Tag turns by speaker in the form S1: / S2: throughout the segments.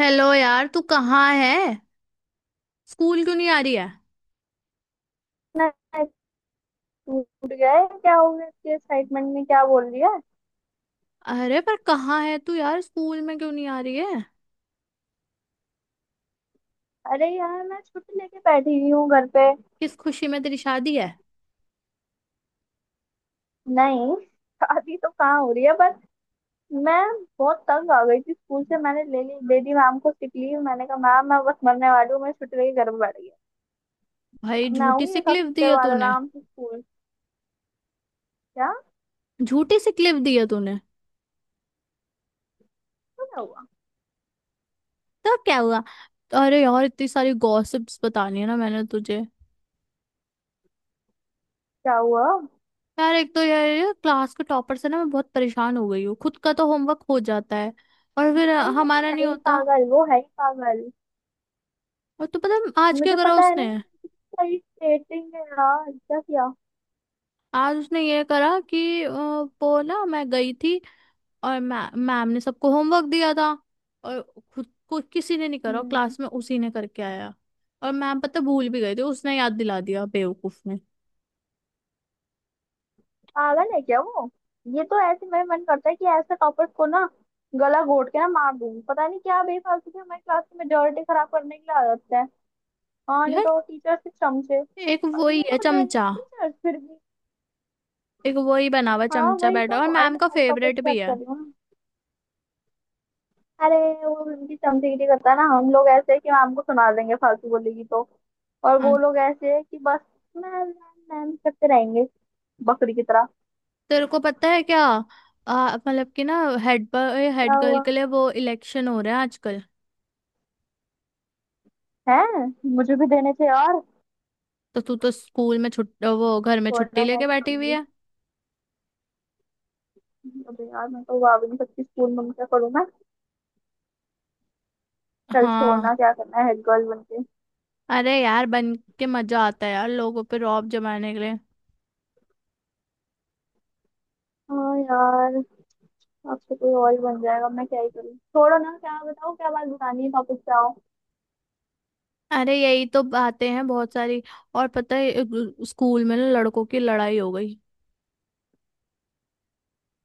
S1: Hello यार, तू कहाँ है। स्कूल क्यों नहीं आ रही है।
S2: ना। टूट गया है क्या हो गया इसके एक्साइटमेंट में, क्या बोल रही है।
S1: अरे पर कहाँ है तू यार, स्कूल में क्यों नहीं आ रही है।
S2: अरे यार, मैं छुट्टी लेके बैठी हुई हूँ घर पे।
S1: किस खुशी में, तेरी शादी है।
S2: नहीं। शादी तो कहाँ हो रही है। बस मैं बहुत तंग आ गई थी स्कूल से। मैंने ले ली, दे दी मैम को सिक लीव। मैंने कहा मैम मैं बस मरने वाली हूँ। मैं छुट्टी लेके घर पे बैठ गई।
S1: भाई
S2: अब मैं
S1: झूठी
S2: आऊंगी
S1: सी
S2: एक
S1: क्लिप दी
S2: हफ्ते
S1: है
S2: बाद
S1: तूने।
S2: आराम से स्कूल। क्या।
S1: झूठी सी क्लिप दी है तूने।
S2: तो क्या हुआ।
S1: तो क्या हुआ। अरे यार इतनी सारी गॉसिप्स बतानी है ना मैंने तुझे।
S2: क्या हुआ।
S1: यार एक तो यार ये क्लास के टॉपर से ना मैं बहुत परेशान हो गई हूँ। खुद का तो होमवर्क हो जाता है और फिर
S2: भाई वो तो
S1: हमारा
S2: है
S1: नहीं
S2: ही
S1: होता।
S2: पागल, वो है ही पागल।
S1: और तू पता है आज क्या
S2: मुझे
S1: करा
S2: पता है ना ये।
S1: उसने।
S2: इसका irritating है यार, क्या किया।
S1: आज उसने ये करा कि वो ना, मैं गई थी और मै मैम ने सबको होमवर्क दिया था। और खुद को किसी ने नहीं करा
S2: हम्म।
S1: क्लास में, उसी ने करके आया। और मैम पता भूल भी गए थे, उसने याद दिला दिया बेवकूफ ने।
S2: पागल है क्या वो। ये तो ऐसे मेरा मन करता है कि ऐसे टॉपर को ना गला घोट के ना मार दूं। पता नहीं क्या बेफालतू की हमारी क्लास की मेजोरिटी खराब करने की आदत है। हाँ नहीं
S1: यार
S2: तो, टीचर से चमचे,
S1: एक
S2: और
S1: वही
S2: इन्हें
S1: है
S2: को देने भी
S1: चमचा।
S2: टीचर फिर भी।
S1: एक वही बना हुआ
S2: हाँ
S1: चमचा
S2: वही तो।
S1: बैठा हुआ, और
S2: अरे
S1: मैम
S2: मैं
S1: का
S2: सारे टॉपर की
S1: फेवरेट भी
S2: बात
S1: है।
S2: कर रही हूँ ना। अरे वो उनकी चमचेगिरी करता है ना, हम लोग ऐसे है कि मैम को सुना देंगे फालतू बोलेगी तो। और
S1: आ,
S2: वो लोग ऐसे है कि बस मैम मैम मैम करते रहेंगे बकरी की तरह।
S1: तेरे को पता है क्या। मतलब कि ना, हेड पर
S2: क्या
S1: हेड गर्ल
S2: हुआ।
S1: के लिए वो इलेक्शन हो रहे हैं आजकल।
S2: है। मुझे भी देने थे यार।
S1: तो तू तो स्कूल में छुट, वो घर में छुट्टी
S2: छोड़ना, मैं
S1: लेके
S2: कि
S1: बैठी हुई
S2: करूंगी।
S1: है।
S2: अबे यार मैं तो आ भी नहीं सकती स्कूल में, क्या करूँ मैं। चल
S1: हाँ,
S2: छोड़ना, क्या करना है हेड गर्ल बन के।
S1: अरे यार बन के मजा आता है यार, लोगों पे रौब जमाने के लिए।
S2: हाँ यार। अब तो कोई और ही बन जाएगा, मैं क्या ही करूँ। छोड़ो ना, क्या बताओ, क्या बात बतानी है, टॉपिक पे आओ।
S1: अरे यही तो बातें हैं बहुत सारी। और पता है, एक स्कूल में ना लड़कों की लड़ाई हो गई।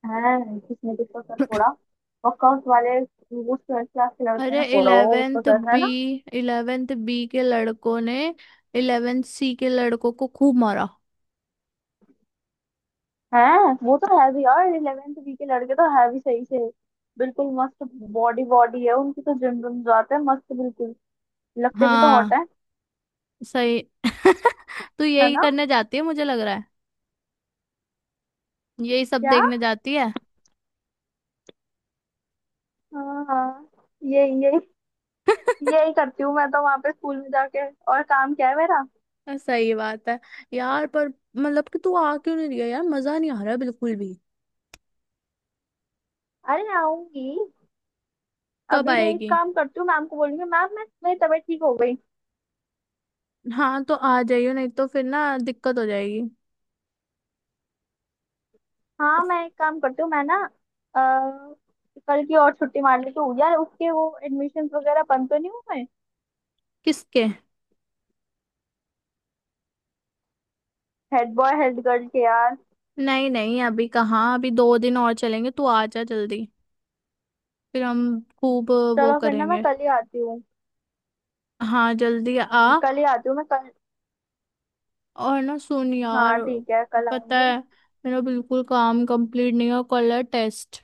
S2: है। किसने किसको सर फोड़ा। वर्कआउट वाले वो ट्वेल्थ क्लास के लड़के
S1: अरे
S2: ने फोड़ा हो उसको
S1: इलेवेंथ
S2: सर है
S1: बी,
S2: ना।
S1: इलेवेंथ बी के लड़कों ने इलेवेंथ सी के लड़कों को खूब मारा।
S2: है। वो तो है भी यार, इलेवेंथ बी के लड़के तो है भी सही से, बिल्कुल मस्त। बॉडी बॉडी है उनकी, तो जिम जिम जाते हैं, मस्त बिल्कुल। लगते भी तो हॉट
S1: हाँ,
S2: है।
S1: सही। तू
S2: है
S1: यही
S2: ना।
S1: करने जाती है मुझे लग रहा है। यही सब
S2: क्या।
S1: देखने जाती है।
S2: हाँ हाँ। ये यही करती हूँ मैं तो वहां पे स्कूल में जाके। और काम क्या है मेरा।
S1: सही बात है। यार पर मतलब कि तू आ क्यों नहीं रही है यार, मजा नहीं आ रहा है बिल्कुल भी।
S2: अरे आऊंगी।
S1: कब
S2: अभी एक
S1: आएगी।
S2: काम करती हूँ, मैम को बोलूंगी मैम मैं मेरी तबीयत ठीक हो गई।
S1: हाँ तो आ जाइयो, नहीं तो फिर ना दिक्कत हो जाएगी।
S2: हाँ मैं एक काम करती हूँ मैं ना अ, कल की और छुट्टी मार लेती हूँ यार, उसके वो एडमिशन वगैरह बंद तो नहीं हुए।
S1: किसके।
S2: हेड बॉय हेड गर्ल के यार।
S1: नहीं नहीं, अभी कहाँ, अभी दो दिन और चलेंगे, तू आ जा जल्दी। फिर हम खूब वो
S2: चलो फिर ना मैं
S1: करेंगे।
S2: कल ही आती हूँ।
S1: हाँ जल्दी आ।
S2: कल ही आती हूँ मैं कल।
S1: और ना सुन यार,
S2: हाँ ठीक है कल
S1: पता
S2: आऊंगी।
S1: है मेरा बिल्कुल काम कंप्लीट नहीं है, कल है टेस्ट।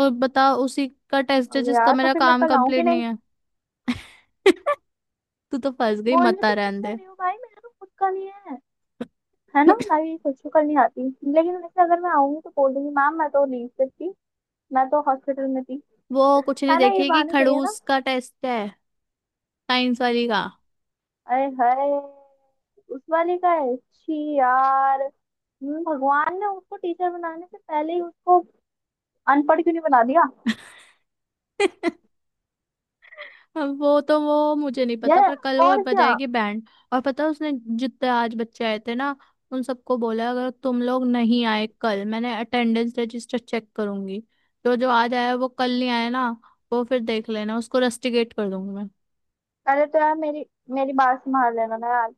S1: और बता, उसी का टेस्ट है
S2: और
S1: जिसका
S2: यार तो
S1: मेरा
S2: फिर मैं
S1: काम
S2: कल आऊंगी
S1: कंप्लीट नहीं
S2: नहीं।
S1: है। तू तो फंस गई,
S2: बोल रही
S1: मता
S2: तुम
S1: रहने
S2: किससे
S1: दे।
S2: रही हो भाई, मेरा तो खुद का नहीं है। है ना, मैं भी खुद को कल नहीं आती। लेकिन वैसे अगर मैं आऊंगी तो बोल दूंगी मैम मैं तो नहीं sick थी, मैं तो हॉस्पिटल में थी।
S1: वो कुछ नहीं
S2: है ना, ये
S1: देखेगी,
S2: बहाने सही है ना।
S1: खड़ूस का टेस्ट है। साइंस वाली का।
S2: अरे हाय। उस वाले का है, छी यार। भगवान ने उसको टीचर बनाने से पहले ही उसको अनपढ़ क्यों नहीं बना दिया।
S1: अब वो तो, वो मुझे नहीं पता,
S2: यार।
S1: पर कल वो
S2: और क्या।
S1: बजाएगी बैंड। और पता है उसने, जितने आज बच्चे आए थे ना, उन सबको बोला अगर तुम लोग नहीं आए कल, मैंने अटेंडेंस रजिस्टर चेक करूंगी। जो जो आज आया वो कल नहीं आया ना, वो फिर देख लेना, उसको रस्टिकेट कर दूंगी मैं।
S2: पहले तो यार मेरी मेरी बात संभाल लेना ना यार।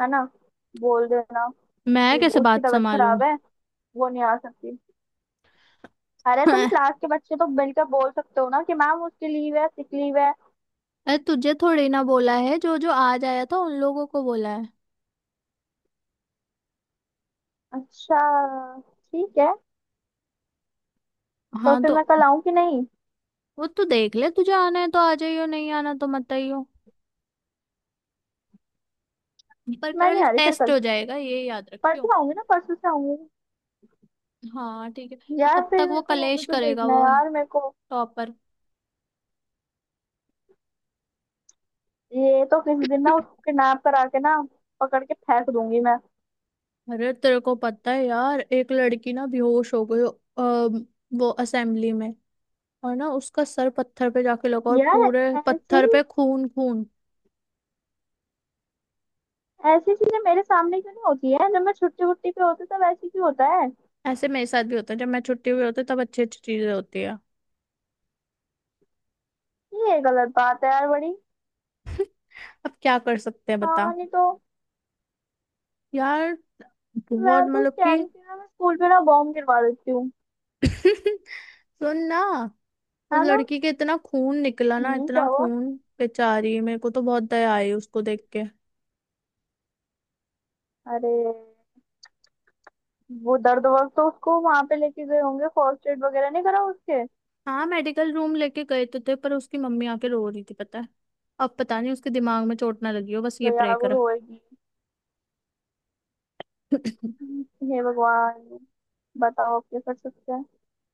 S2: है ना। बोल देना
S1: मैं
S2: कि
S1: कैसे
S2: उसकी
S1: बात
S2: तबीयत
S1: संभालूं।
S2: खराब है, वो नहीं आ सकती। अरे तुम
S1: अरे
S2: क्लास के बच्चे तो मिलकर बोल सकते हो ना, कि मैम उसकी लीव है, सिक लीव है।
S1: तुझे थोड़ी ना बोला है, जो जो आज आया था उन लोगों को बोला है।
S2: अच्छा ठीक है। तो
S1: हाँ
S2: फिर
S1: तो
S2: मैं कल आऊँ कि नहीं।
S1: वो तू देख ले, तुझे आना है तो आ जाइयो, नहीं आना तो मत आइयो। पर
S2: मैं नहीं
S1: कल
S2: आ रही फिर
S1: टेस्ट
S2: कल।
S1: हो जाएगा ये याद रखियो।
S2: परसों आऊंगी ना, परसों से आऊंगी।
S1: हाँ ठीक है। पर
S2: यार
S1: तब तक
S2: फिर
S1: वो
S2: मेरे को वो भी
S1: कलेश
S2: तो
S1: करेगा,
S2: देखना है
S1: वो
S2: यार मेरे को।
S1: टॉपर।
S2: ये तो किसी दिन ना उसके नाप करा के ना पकड़ के फेंक दूंगी मैं।
S1: अरे तेरे को पता है यार, एक लड़की ना बेहोश हो गई। अम, वो असेंबली में। और ना उसका सर पत्थर पे जाके लगा और
S2: यार
S1: पूरे
S2: ऐसी
S1: पत्थर पे खून खून।
S2: ऐसी चीजें मेरे सामने क्यों नहीं होती है। जब मैं छुट्टी वुट्टी पे होती तब ऐसे क्यों होता है।
S1: ऐसे मेरे साथ भी होता है, जब मैं छुट्टी हुई होती है तब अच्छी अच्छी चीजें होती है।
S2: ये गलत बात है यार बड़ी।
S1: अब क्या कर सकते हैं बता।
S2: हाँ नहीं तो।
S1: यार
S2: मैं
S1: बहुत
S2: तो
S1: मतलब
S2: कह
S1: कि।
S2: रही थी ना, मैं स्कूल पे ना बॉम्ब गिरवा देती हूँ।
S1: सुन ना, उस
S2: है ना।
S1: लड़की के इतना खून निकला ना,
S2: हम्म, क्या
S1: इतना
S2: हुआ।
S1: खून। बेचारी, मेरे को तो बहुत दया आई उसको देख के।
S2: अरे वो दर्द वर्द तो उसको, वहां पे लेके गए होंगे फर्स्ट एड वगैरह नहीं करा उसके।
S1: हाँ मेडिकल रूम लेके गए तो थे, पर उसकी मम्मी आके रो रही थी पता है। अब पता नहीं उसके दिमाग में चोट ना लगी हो, बस ये
S2: तो
S1: प्रे
S2: यार वो
S1: कर।
S2: रोएगी। हे भगवान। बताओ अब क्या कर सकते हैं।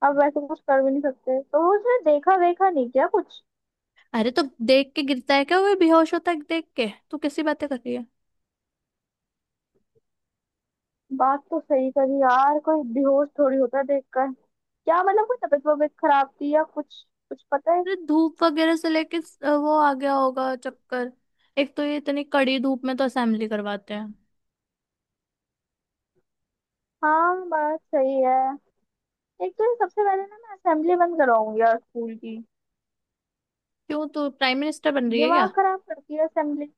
S2: अब वैसे कुछ कर भी नहीं सकते, तो वो उसने देखा देखा नहीं क्या कुछ।
S1: अरे तो देख के गिरता है क्या, वो बेहोश होता है देख के, तू कैसी बातें कर रही है।
S2: बात तो सही करी यार, कोई बेहोश थोड़ी होता है देखकर, क्या मतलब कोई तबीयत वबीयत खराब थी या कुछ कुछ पता है।
S1: अरे धूप वगैरह से लेके वो आ गया होगा चक्कर। एक तो ये इतनी कड़ी धूप में तो असेंबली करवाते हैं।
S2: हाँ बात सही है। एक तो ये सबसे पहले ना मैं असेंबली बंद कराऊंगी यार स्कूल की।
S1: क्यों, तू प्राइम मिनिस्टर बन रही है क्या।
S2: दिमाग खराब करती है असेंबली।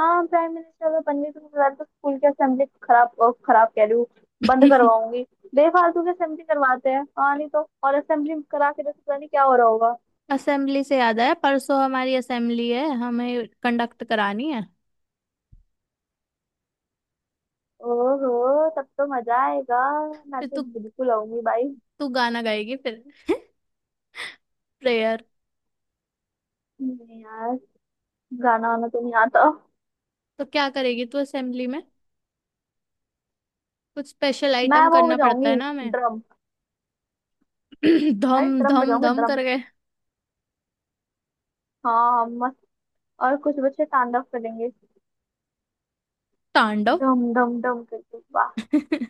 S2: हाँ प्राइम मिनिस्टर अगर बनने को मिला तो स्कूल की असेंबली खराब खराब कह रही हूँ, बंद करवाऊंगी। बेफालतू की असेंबली करवाते हैं, हाँ नहीं तो, और असेंबली करा के तो पता नहीं क्या हो रहा होगा।
S1: असेंबली से याद आया, परसों हमारी असेंबली है, हमें कंडक्ट करानी है।
S2: ओहो तब तो मजा आएगा। मैं
S1: फिर
S2: तो
S1: तू
S2: बिल्कुल आऊंगी भाई।
S1: तू गाना गाएगी फिर। प्रेयर।
S2: नहीं यार, गाना वाना तो नहीं आता।
S1: तो क्या करेगी तू असेंबली में, कुछ स्पेशल
S2: मैं
S1: आइटम
S2: वो
S1: करना पड़ता है
S2: बजाऊंगी,
S1: ना हमें।
S2: ड्रम।
S1: धम
S2: अरे ड्रम
S1: धम
S2: बजाऊंगी,
S1: धम
S2: ड्रम।
S1: कर गए।
S2: हाँ हाँ, मस्त। और कुछ बच्चे स्टैंड अप करेंगे।
S1: तांडव।
S2: डम डम डम करके वाह।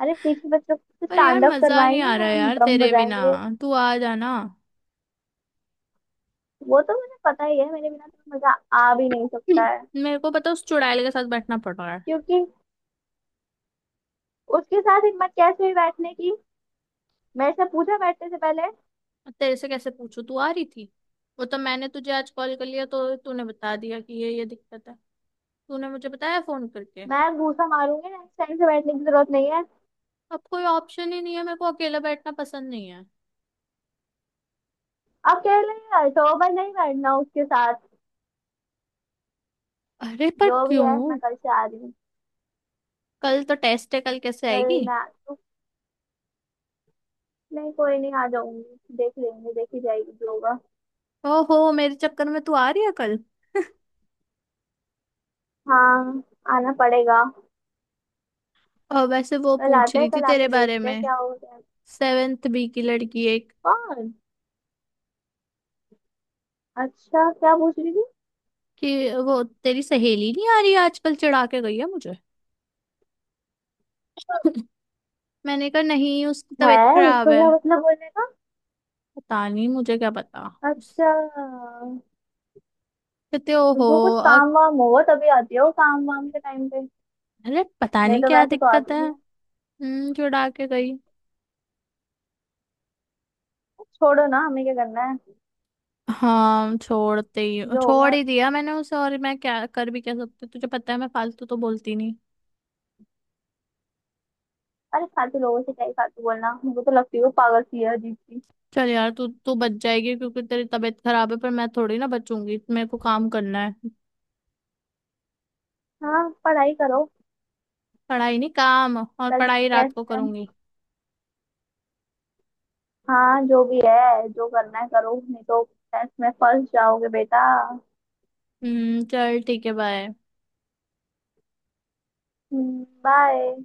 S2: अरे पीछे बच्चों से
S1: पर यार
S2: स्टैंड अप
S1: मजा नहीं
S2: करवाएंगे,
S1: आ रहा
S2: हम
S1: यार
S2: ड्रम
S1: तेरे बिना,
S2: बजाएंगे।
S1: तू आ जाना।
S2: वो तो मुझे पता ही है, मेरे बिना तो मजा आ भी नहीं सकता है।
S1: मेरे को पता, उस चुड़ैल के साथ बैठना पड़ रहा है।
S2: क्योंकि उसके साथ हिम्मत कैसे हुई बैठने की। मेरे से पूछा बैठने से पहले।
S1: अब तेरे से कैसे पूछूं, तू आ रही थी। वो तो मैंने तुझे आज कॉल कर लिया तो तूने बता दिया कि ये दिक्कत है। तूने मुझे बताया फोन करके।
S2: मैं घूसा मारूंगी, नेक्स्ट टाइम से बैठने की जरूरत नहीं है।
S1: अब कोई ऑप्शन ही नहीं है, मेरे को अकेला बैठना पसंद नहीं है।
S2: अब कह रही है तो मैं नहीं बैठना उसके साथ।
S1: अरे पर
S2: जो भी है,
S1: क्यों।
S2: मैं कल से आ रही हूँ।
S1: कल तो टेस्ट है, कल कैसे
S2: कल
S1: आएगी।
S2: मैं तो, नहीं कोई नहीं, आ जाऊंगी, देख लेंगे, देखी जाएगी जो होगा।
S1: ओहो, मेरे चक्कर में तू आ रही है कल।
S2: हाँ आना पड़ेगा।
S1: और वैसे वो
S2: कल
S1: पूछ
S2: आते
S1: रही
S2: हैं,
S1: थी
S2: कल
S1: तेरे
S2: आके
S1: बारे
S2: देखते हैं
S1: में,
S2: क्या होता है।
S1: सेवेंथ बी की लड़की एक।
S2: कौन। अच्छा क्या पूछ रही थी।
S1: कि वो तेरी सहेली नहीं आ रही आजकल, चिढ़ा के गई है मुझे। मैंने कहा नहीं उसकी
S2: है
S1: तबीयत खराब
S2: उसको
S1: है।
S2: क्या मतलब बोलने का।
S1: पता नहीं मुझे, क्या पता। उस-
S2: अच्छा।
S1: कहते ओहो।
S2: उसको कुछ
S1: अब
S2: काम वाम होगा तभी आती है, वो काम वाम के टाइम पे।
S1: अरे पता
S2: नहीं
S1: नहीं
S2: तो
S1: क्या
S2: वैसे तो
S1: दिक्कत
S2: आती
S1: है।
S2: नहीं है।
S1: हम्म, चिढ़ा के गई।
S2: छोड़ो ना, हमें क्या करना है।
S1: हाँ छोड़ते ही,
S2: जो
S1: छोड़
S2: होगा।
S1: ही दिया मैंने उसे, और मैं क्या कर भी क्या सकती हूँ? तुझे पता है मैं फालतू तो बोलती नहीं।
S2: अरे फालतू लोगों से क्या ही फालतू बोलना, मुझे तो लगती है वो पागल सी है, अजीब सी।
S1: चल यार, तू तू बच जाएगी क्योंकि तेरी तबीयत खराब है, पर मैं थोड़ी ना बचूंगी, मेरे को काम करना है।
S2: हाँ पढ़ाई करो।
S1: पढ़ाई नहीं, काम, और
S2: कल
S1: पढ़ाई रात
S2: टेस्ट
S1: को
S2: है।
S1: करूंगी।
S2: हाँ जो भी है, जो करना है करो नहीं तो टेस्ट में फंस जाओगे बेटा।
S1: चल ठीक है, बाय।
S2: बाय।